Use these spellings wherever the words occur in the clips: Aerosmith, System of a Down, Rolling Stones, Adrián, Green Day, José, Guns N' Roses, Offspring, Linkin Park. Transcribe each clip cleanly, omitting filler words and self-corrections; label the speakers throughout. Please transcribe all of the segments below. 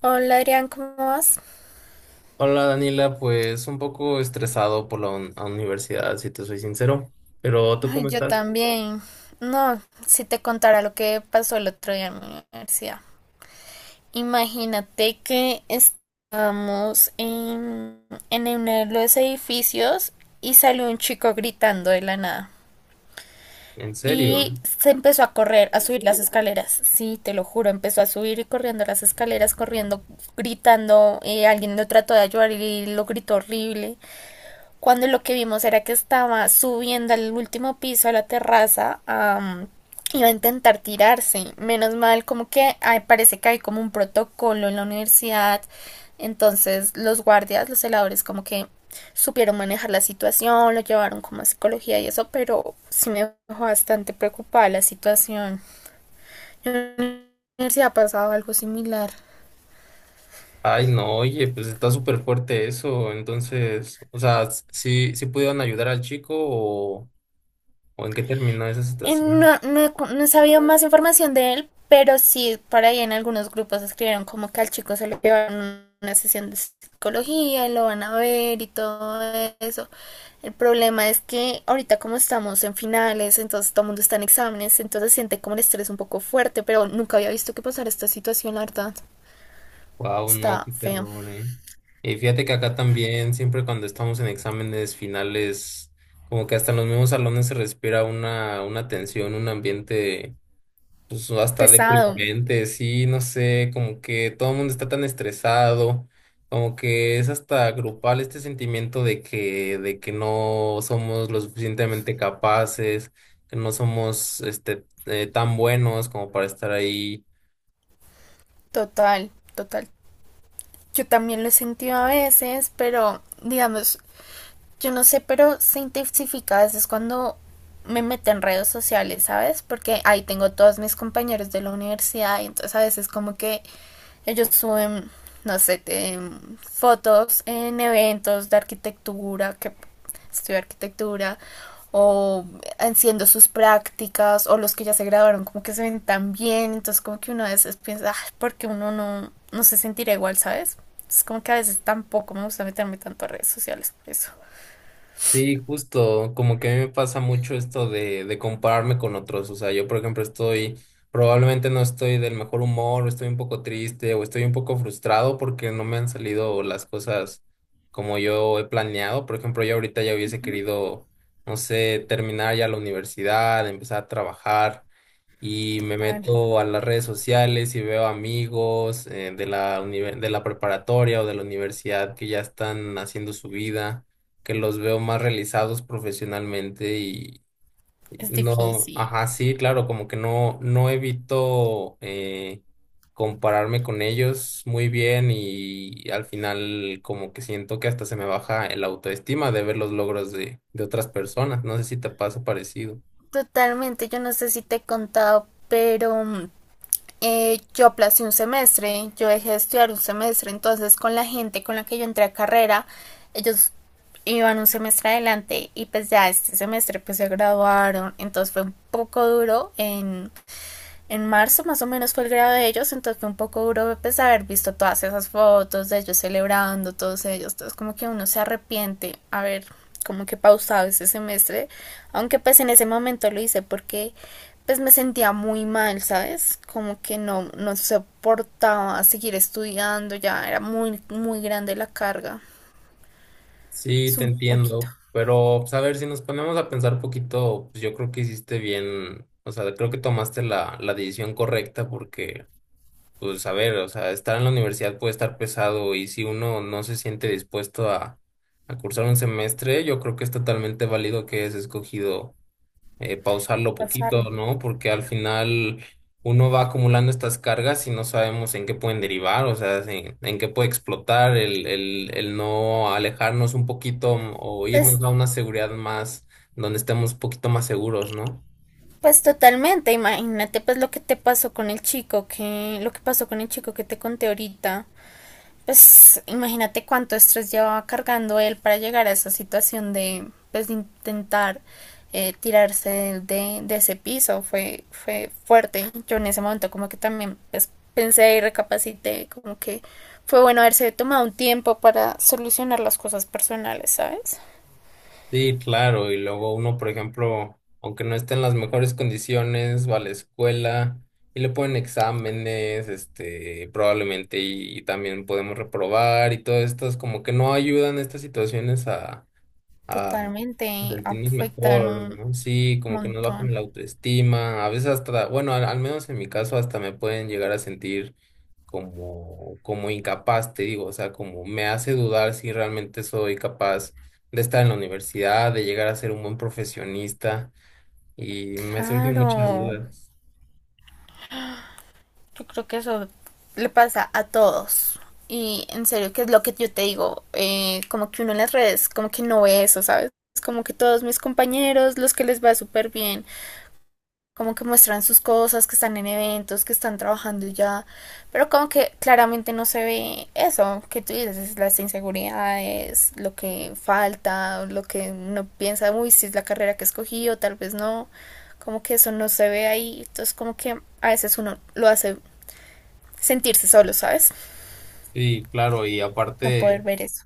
Speaker 1: Hola Adrián, ¿cómo vas?
Speaker 2: Hola Daniela, pues un poco estresado por la universidad, si te soy sincero, pero ¿tú
Speaker 1: Ay,
Speaker 2: cómo
Speaker 1: yo
Speaker 2: estás?
Speaker 1: también. No, si te contara lo que pasó el otro día en mi universidad. Imagínate que estábamos en uno de los edificios y salió un chico gritando de la nada.
Speaker 2: ¿En
Speaker 1: Y
Speaker 2: serio?
Speaker 1: se empezó a correr, a subir las escaleras. Sí, te lo juro, empezó a subir y corriendo las escaleras, corriendo, gritando. Alguien lo trató de ayudar y lo gritó horrible. Cuando lo que vimos era que estaba subiendo al último piso, a la terraza, a iba a intentar tirarse. Menos mal, como que ay, parece que hay como un protocolo en la universidad. Entonces los guardias, los celadores, como que supieron manejar la situación, lo llevaron como a psicología y eso, pero sí me dejó bastante preocupada la situación. En la universidad ha pasado algo similar.
Speaker 2: Ay, no, oye, pues está súper fuerte eso, entonces, o sea, ¿sí, sí pudieron ayudar al chico o en qué terminó esa
Speaker 1: No,
Speaker 2: situación?
Speaker 1: no, no sabía más información de él, pero sí, por ahí en algunos grupos escribieron como que al chico se lo llevan una sesión de psicología y lo van a ver y todo eso. El problema es que ahorita como estamos en finales, entonces todo el mundo está en exámenes, entonces siente como el estrés un poco fuerte, pero nunca había visto que pasara esta situación, la verdad.
Speaker 2: Wow, no,
Speaker 1: Está
Speaker 2: qué
Speaker 1: feo.
Speaker 2: terror, Y fíjate que acá también, siempre cuando estamos en exámenes finales, como que hasta en los mismos salones se respira una tensión, un ambiente pues hasta
Speaker 1: Pesado.
Speaker 2: deprimente, sí, no sé, como que todo el mundo está tan estresado, como que es hasta grupal este sentimiento de que no somos lo suficientemente capaces, que no somos tan buenos como para estar ahí.
Speaker 1: Total, total. Yo también lo he sentido a veces, pero digamos, yo no sé, pero se intensifica a veces cuando me meto en redes sociales, ¿sabes? Porque ahí tengo todos mis compañeros de la universidad y entonces a veces como que ellos suben, no sé, fotos en eventos de arquitectura, que estudio arquitectura, o haciendo sus prácticas, o los que ya se graduaron como que se ven tan bien, entonces como que uno a veces piensa, "Ah, ¿por qué uno no, no se sentirá igual?", ¿sabes? Es como que a veces tampoco me gusta meterme tanto a redes sociales por eso.
Speaker 2: Sí, justo, como que a mí me pasa mucho esto de compararme con otros, o sea, yo por ejemplo estoy, probablemente no estoy del mejor humor, o estoy un poco triste, o estoy un poco frustrado porque no me han salido las cosas como yo he planeado. Por ejemplo, yo ahorita ya hubiese querido, no sé, terminar ya la universidad, empezar a trabajar, y me
Speaker 1: Total.
Speaker 2: meto a las redes sociales y veo amigos de la preparatoria o de la universidad que ya están haciendo su vida, que los veo más realizados profesionalmente y
Speaker 1: Es
Speaker 2: y no,
Speaker 1: difícil.
Speaker 2: ajá, sí, claro, como que no, no evito compararme con ellos muy bien, y al final como que siento que hasta se me baja el autoestima de ver los logros de otras personas. No sé si te pasa parecido.
Speaker 1: Totalmente, yo no sé si te he contado, pero yo aplacé un semestre, yo dejé de estudiar un semestre, entonces con la gente con la que yo entré a carrera, ellos iban un semestre adelante y pues ya este semestre pues se graduaron, entonces fue un poco duro en marzo más o menos fue el grado de ellos, entonces fue un poco duro pues haber visto todas esas fotos de ellos celebrando, todos ellos, entonces como que uno se arrepiente haber como que pausado ese semestre, aunque pues en ese momento lo hice porque pues me sentía muy mal, ¿sabes? Como que no, no soportaba seguir estudiando, ya era muy, muy grande la carga,
Speaker 2: Sí,
Speaker 1: es
Speaker 2: te
Speaker 1: un poquito
Speaker 2: entiendo, pero pues, a ver, si nos ponemos a pensar poquito, pues yo creo que hiciste bien, o sea, creo que tomaste la decisión correcta porque, pues a ver, o sea, estar en la universidad puede estar pesado y si uno no se siente dispuesto a cursar un semestre, yo creo que es totalmente válido que hayas escogido pausarlo
Speaker 1: pasarlo.
Speaker 2: poquito, ¿no? Porque al final uno va acumulando estas cargas y no sabemos en qué pueden derivar, o sea, en qué puede explotar el no alejarnos un poquito o
Speaker 1: Pues
Speaker 2: irnos a una seguridad más, donde estemos un poquito más seguros, ¿no?
Speaker 1: pues totalmente, imagínate pues lo que te pasó con el chico que, lo que pasó con el chico que te conté ahorita. Pues imagínate cuánto estrés llevaba cargando él para llegar a esa situación de, pues de intentar tirarse de ese piso. Fue, fue fuerte. Yo en ese momento como que también pues pensé y recapacité como que fue bueno haberse tomado un tiempo para solucionar las cosas personales, ¿sabes?
Speaker 2: Sí, claro, y luego uno, por ejemplo, aunque no esté en las mejores condiciones, va a la escuela. Y le ponen exámenes, este, probablemente, y también podemos reprobar y todo esto, es como que no ayudan estas situaciones a
Speaker 1: Totalmente
Speaker 2: sentirnos
Speaker 1: afectan
Speaker 2: mejor,
Speaker 1: un
Speaker 2: ¿no? Sí, como que nos bajan
Speaker 1: montón.
Speaker 2: la autoestima, a veces hasta, bueno, al menos en mi caso hasta me pueden llegar a sentir como, como incapaz, te digo, o sea, como me hace dudar si realmente soy capaz de estar en la universidad, de llegar a ser un buen profesionista y me surgen muchas
Speaker 1: Claro,
Speaker 2: dudas.
Speaker 1: yo creo que eso le pasa a todos. Y en serio, que es lo que yo te digo, como que uno en las redes, como que no ve eso, ¿sabes? Es como que todos mis compañeros, los que les va súper bien, como que muestran sus cosas, que están en eventos, que están trabajando y ya, pero como que claramente no se ve eso que tú dices, es las inseguridades, lo que falta, lo que uno piensa, uy, si es la carrera que escogí o tal vez no, como que eso no se ve ahí, entonces como que a veces uno lo hace sentirse solo, ¿sabes?
Speaker 2: Sí, claro, y
Speaker 1: No poder
Speaker 2: aparte...
Speaker 1: ver eso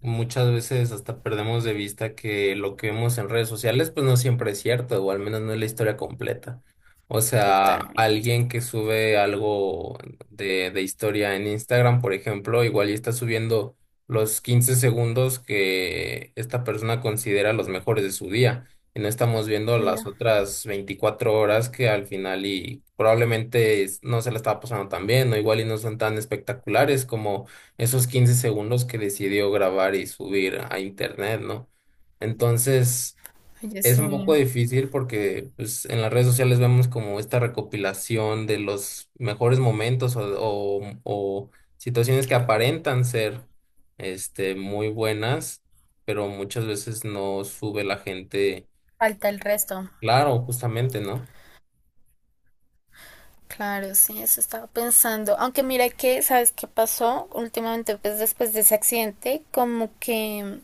Speaker 2: Muchas veces hasta perdemos de vista que lo que vemos en redes sociales pues no siempre es cierto, o al menos no es la historia completa. O sea,
Speaker 1: totalmente.
Speaker 2: alguien que sube algo de historia en Instagram, por ejemplo, igual y está subiendo los 15 segundos que esta persona considera los mejores de su día. Y no estamos viendo las
Speaker 1: Oye,
Speaker 2: otras 24 horas que al final y probablemente no se la estaba pasando tan bien, o igual y no son tan espectaculares como esos 15 segundos que decidió grabar y subir a internet, ¿no? Entonces, es un poco
Speaker 1: sí,
Speaker 2: difícil porque pues, en las redes sociales vemos como esta recopilación de los mejores momentos o, o situaciones que aparentan ser este, muy buenas, pero muchas veces no sube la gente,
Speaker 1: falta el resto.
Speaker 2: claro, justamente, ¿no?
Speaker 1: Claro, sí, eso estaba pensando. Aunque mira que, ¿sabes qué pasó? Últimamente, pues después de ese accidente, como que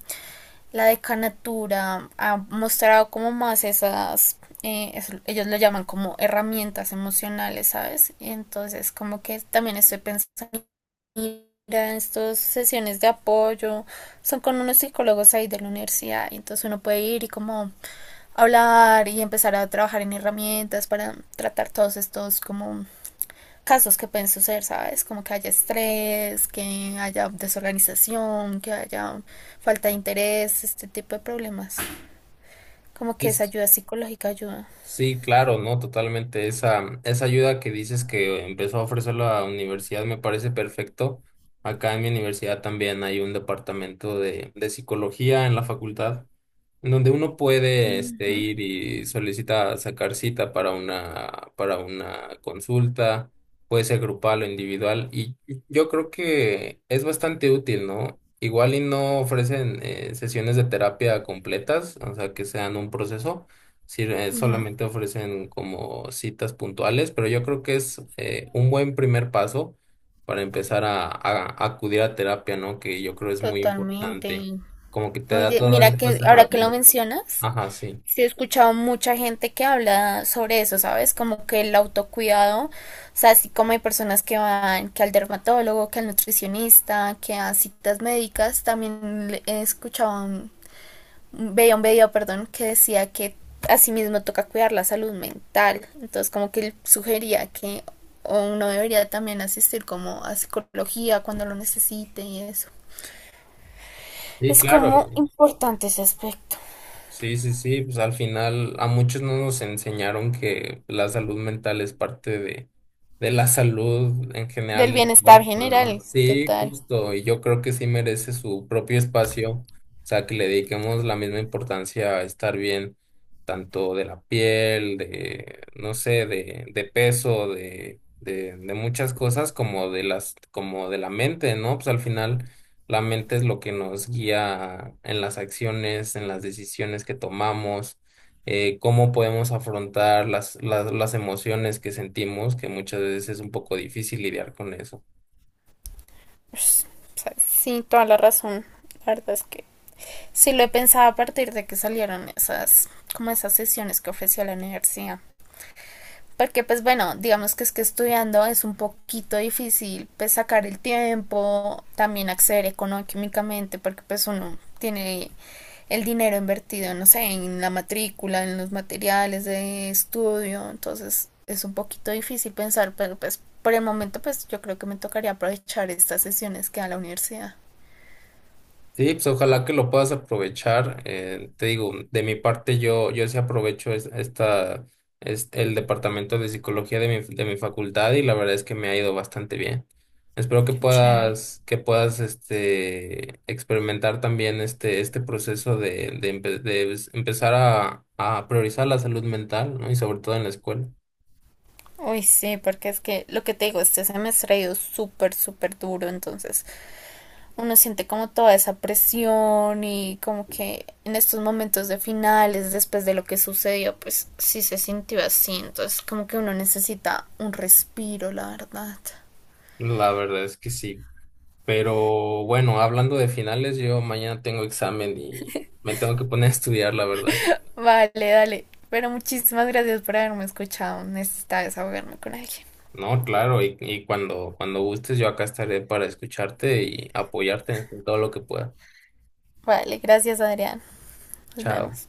Speaker 1: la decanatura ha mostrado como más esas, ellos lo llaman como herramientas emocionales, ¿sabes? Y entonces, como que también estoy pensando en estas sesiones de apoyo, son con unos psicólogos ahí de la universidad, y entonces uno puede ir y como hablar y empezar a trabajar en herramientas para tratar todos estos como casos que pueden suceder, ¿sabes? Como que haya estrés, que haya desorganización, que haya falta de interés, este tipo de problemas. Como que esa ayuda psicológica ayuda.
Speaker 2: Sí, claro, no, totalmente. Esa ayuda que dices que empezó a ofrecer la universidad me parece perfecto. Acá en mi universidad también hay un departamento de psicología en la facultad, en donde uno puede este, ir y solicita sacar cita para para una consulta, puede ser grupal o individual, y yo creo que es bastante útil, ¿no? Igual y no ofrecen sesiones de terapia completas, o sea, que sean un proceso. Sí,
Speaker 1: Ujú,
Speaker 2: solamente ofrecen como citas puntuales, pero yo creo que es un buen primer paso para empezar a acudir a terapia, ¿no? Que yo creo es muy
Speaker 1: totalmente.
Speaker 2: importante. Como que te da
Speaker 1: Oye,
Speaker 2: todas
Speaker 1: mira
Speaker 2: estas
Speaker 1: que ahora que lo
Speaker 2: herramientas.
Speaker 1: mencionas,
Speaker 2: Ajá, sí.
Speaker 1: sí he escuchado mucha gente que habla sobre eso, ¿sabes? Como que el autocuidado, o sea, así como hay personas que van, que al dermatólogo, que al nutricionista, que a citas médicas, también he escuchado veía un video, perdón, que decía que asimismo toca cuidar la salud mental. Entonces, como que él sugería que uno debería también asistir como a psicología cuando lo necesite y eso.
Speaker 2: Sí,
Speaker 1: Es
Speaker 2: claro.
Speaker 1: como importante ese aspecto.
Speaker 2: Sí, sí, sí, pues al final a muchos no nos enseñaron que la salud mental es parte de la salud en general
Speaker 1: Del
Speaker 2: del
Speaker 1: bienestar
Speaker 2: cuerpo, ¿no?
Speaker 1: general,
Speaker 2: Sí,
Speaker 1: total.
Speaker 2: justo, y yo creo que sí merece su propio espacio, o sea, que le dediquemos la misma importancia a estar bien, tanto de la piel, de, no sé, de peso, de muchas cosas, como de como de la mente, ¿no? Pues al final. La mente es lo que nos guía en las acciones, en las decisiones que tomamos, cómo podemos afrontar las emociones que sentimos, que muchas veces es un poco difícil lidiar con eso.
Speaker 1: Pues, o sea, sí, toda la razón. La verdad es que sí lo he pensado a partir de que salieron esas, como esas sesiones que ofrecía la universidad. Porque pues bueno, digamos que es que estudiando es un poquito difícil pues sacar el tiempo, también acceder económicamente, porque pues uno tiene el dinero invertido, no sé, en la matrícula, en los materiales de estudio, entonces es un poquito difícil pensar, pero pues por el momento pues yo creo que me tocaría aprovechar estas sesiones que da la universidad.
Speaker 2: Sí, pues ojalá que lo puedas aprovechar. Te digo, de mi parte yo sí aprovecho esta, es el departamento de psicología de mi facultad y la verdad es que me ha ido bastante bien. Espero
Speaker 1: Qué chévere.
Speaker 2: que puedas este, experimentar también este proceso empezar a priorizar la salud mental, ¿no? Y sobre todo en la escuela.
Speaker 1: Uy, sí, porque es que lo que te digo, este semestre ha ido súper, súper duro, entonces uno siente como toda esa presión y como que en estos momentos de finales, después de lo que sucedió, pues sí se sintió así. Entonces como que uno necesita un respiro, la verdad.
Speaker 2: La verdad es que sí. Pero bueno, hablando de finales, yo mañana tengo examen y me tengo que poner a estudiar, la verdad.
Speaker 1: Vale, dale. Pero muchísimas gracias por haberme escuchado. Necesitaba desahogarme con alguien.
Speaker 2: No, claro, y cuando, cuando gustes, yo acá estaré para escucharte y apoyarte en todo lo que pueda.
Speaker 1: Vale, gracias Adrián. Nos
Speaker 2: Chao.
Speaker 1: vemos.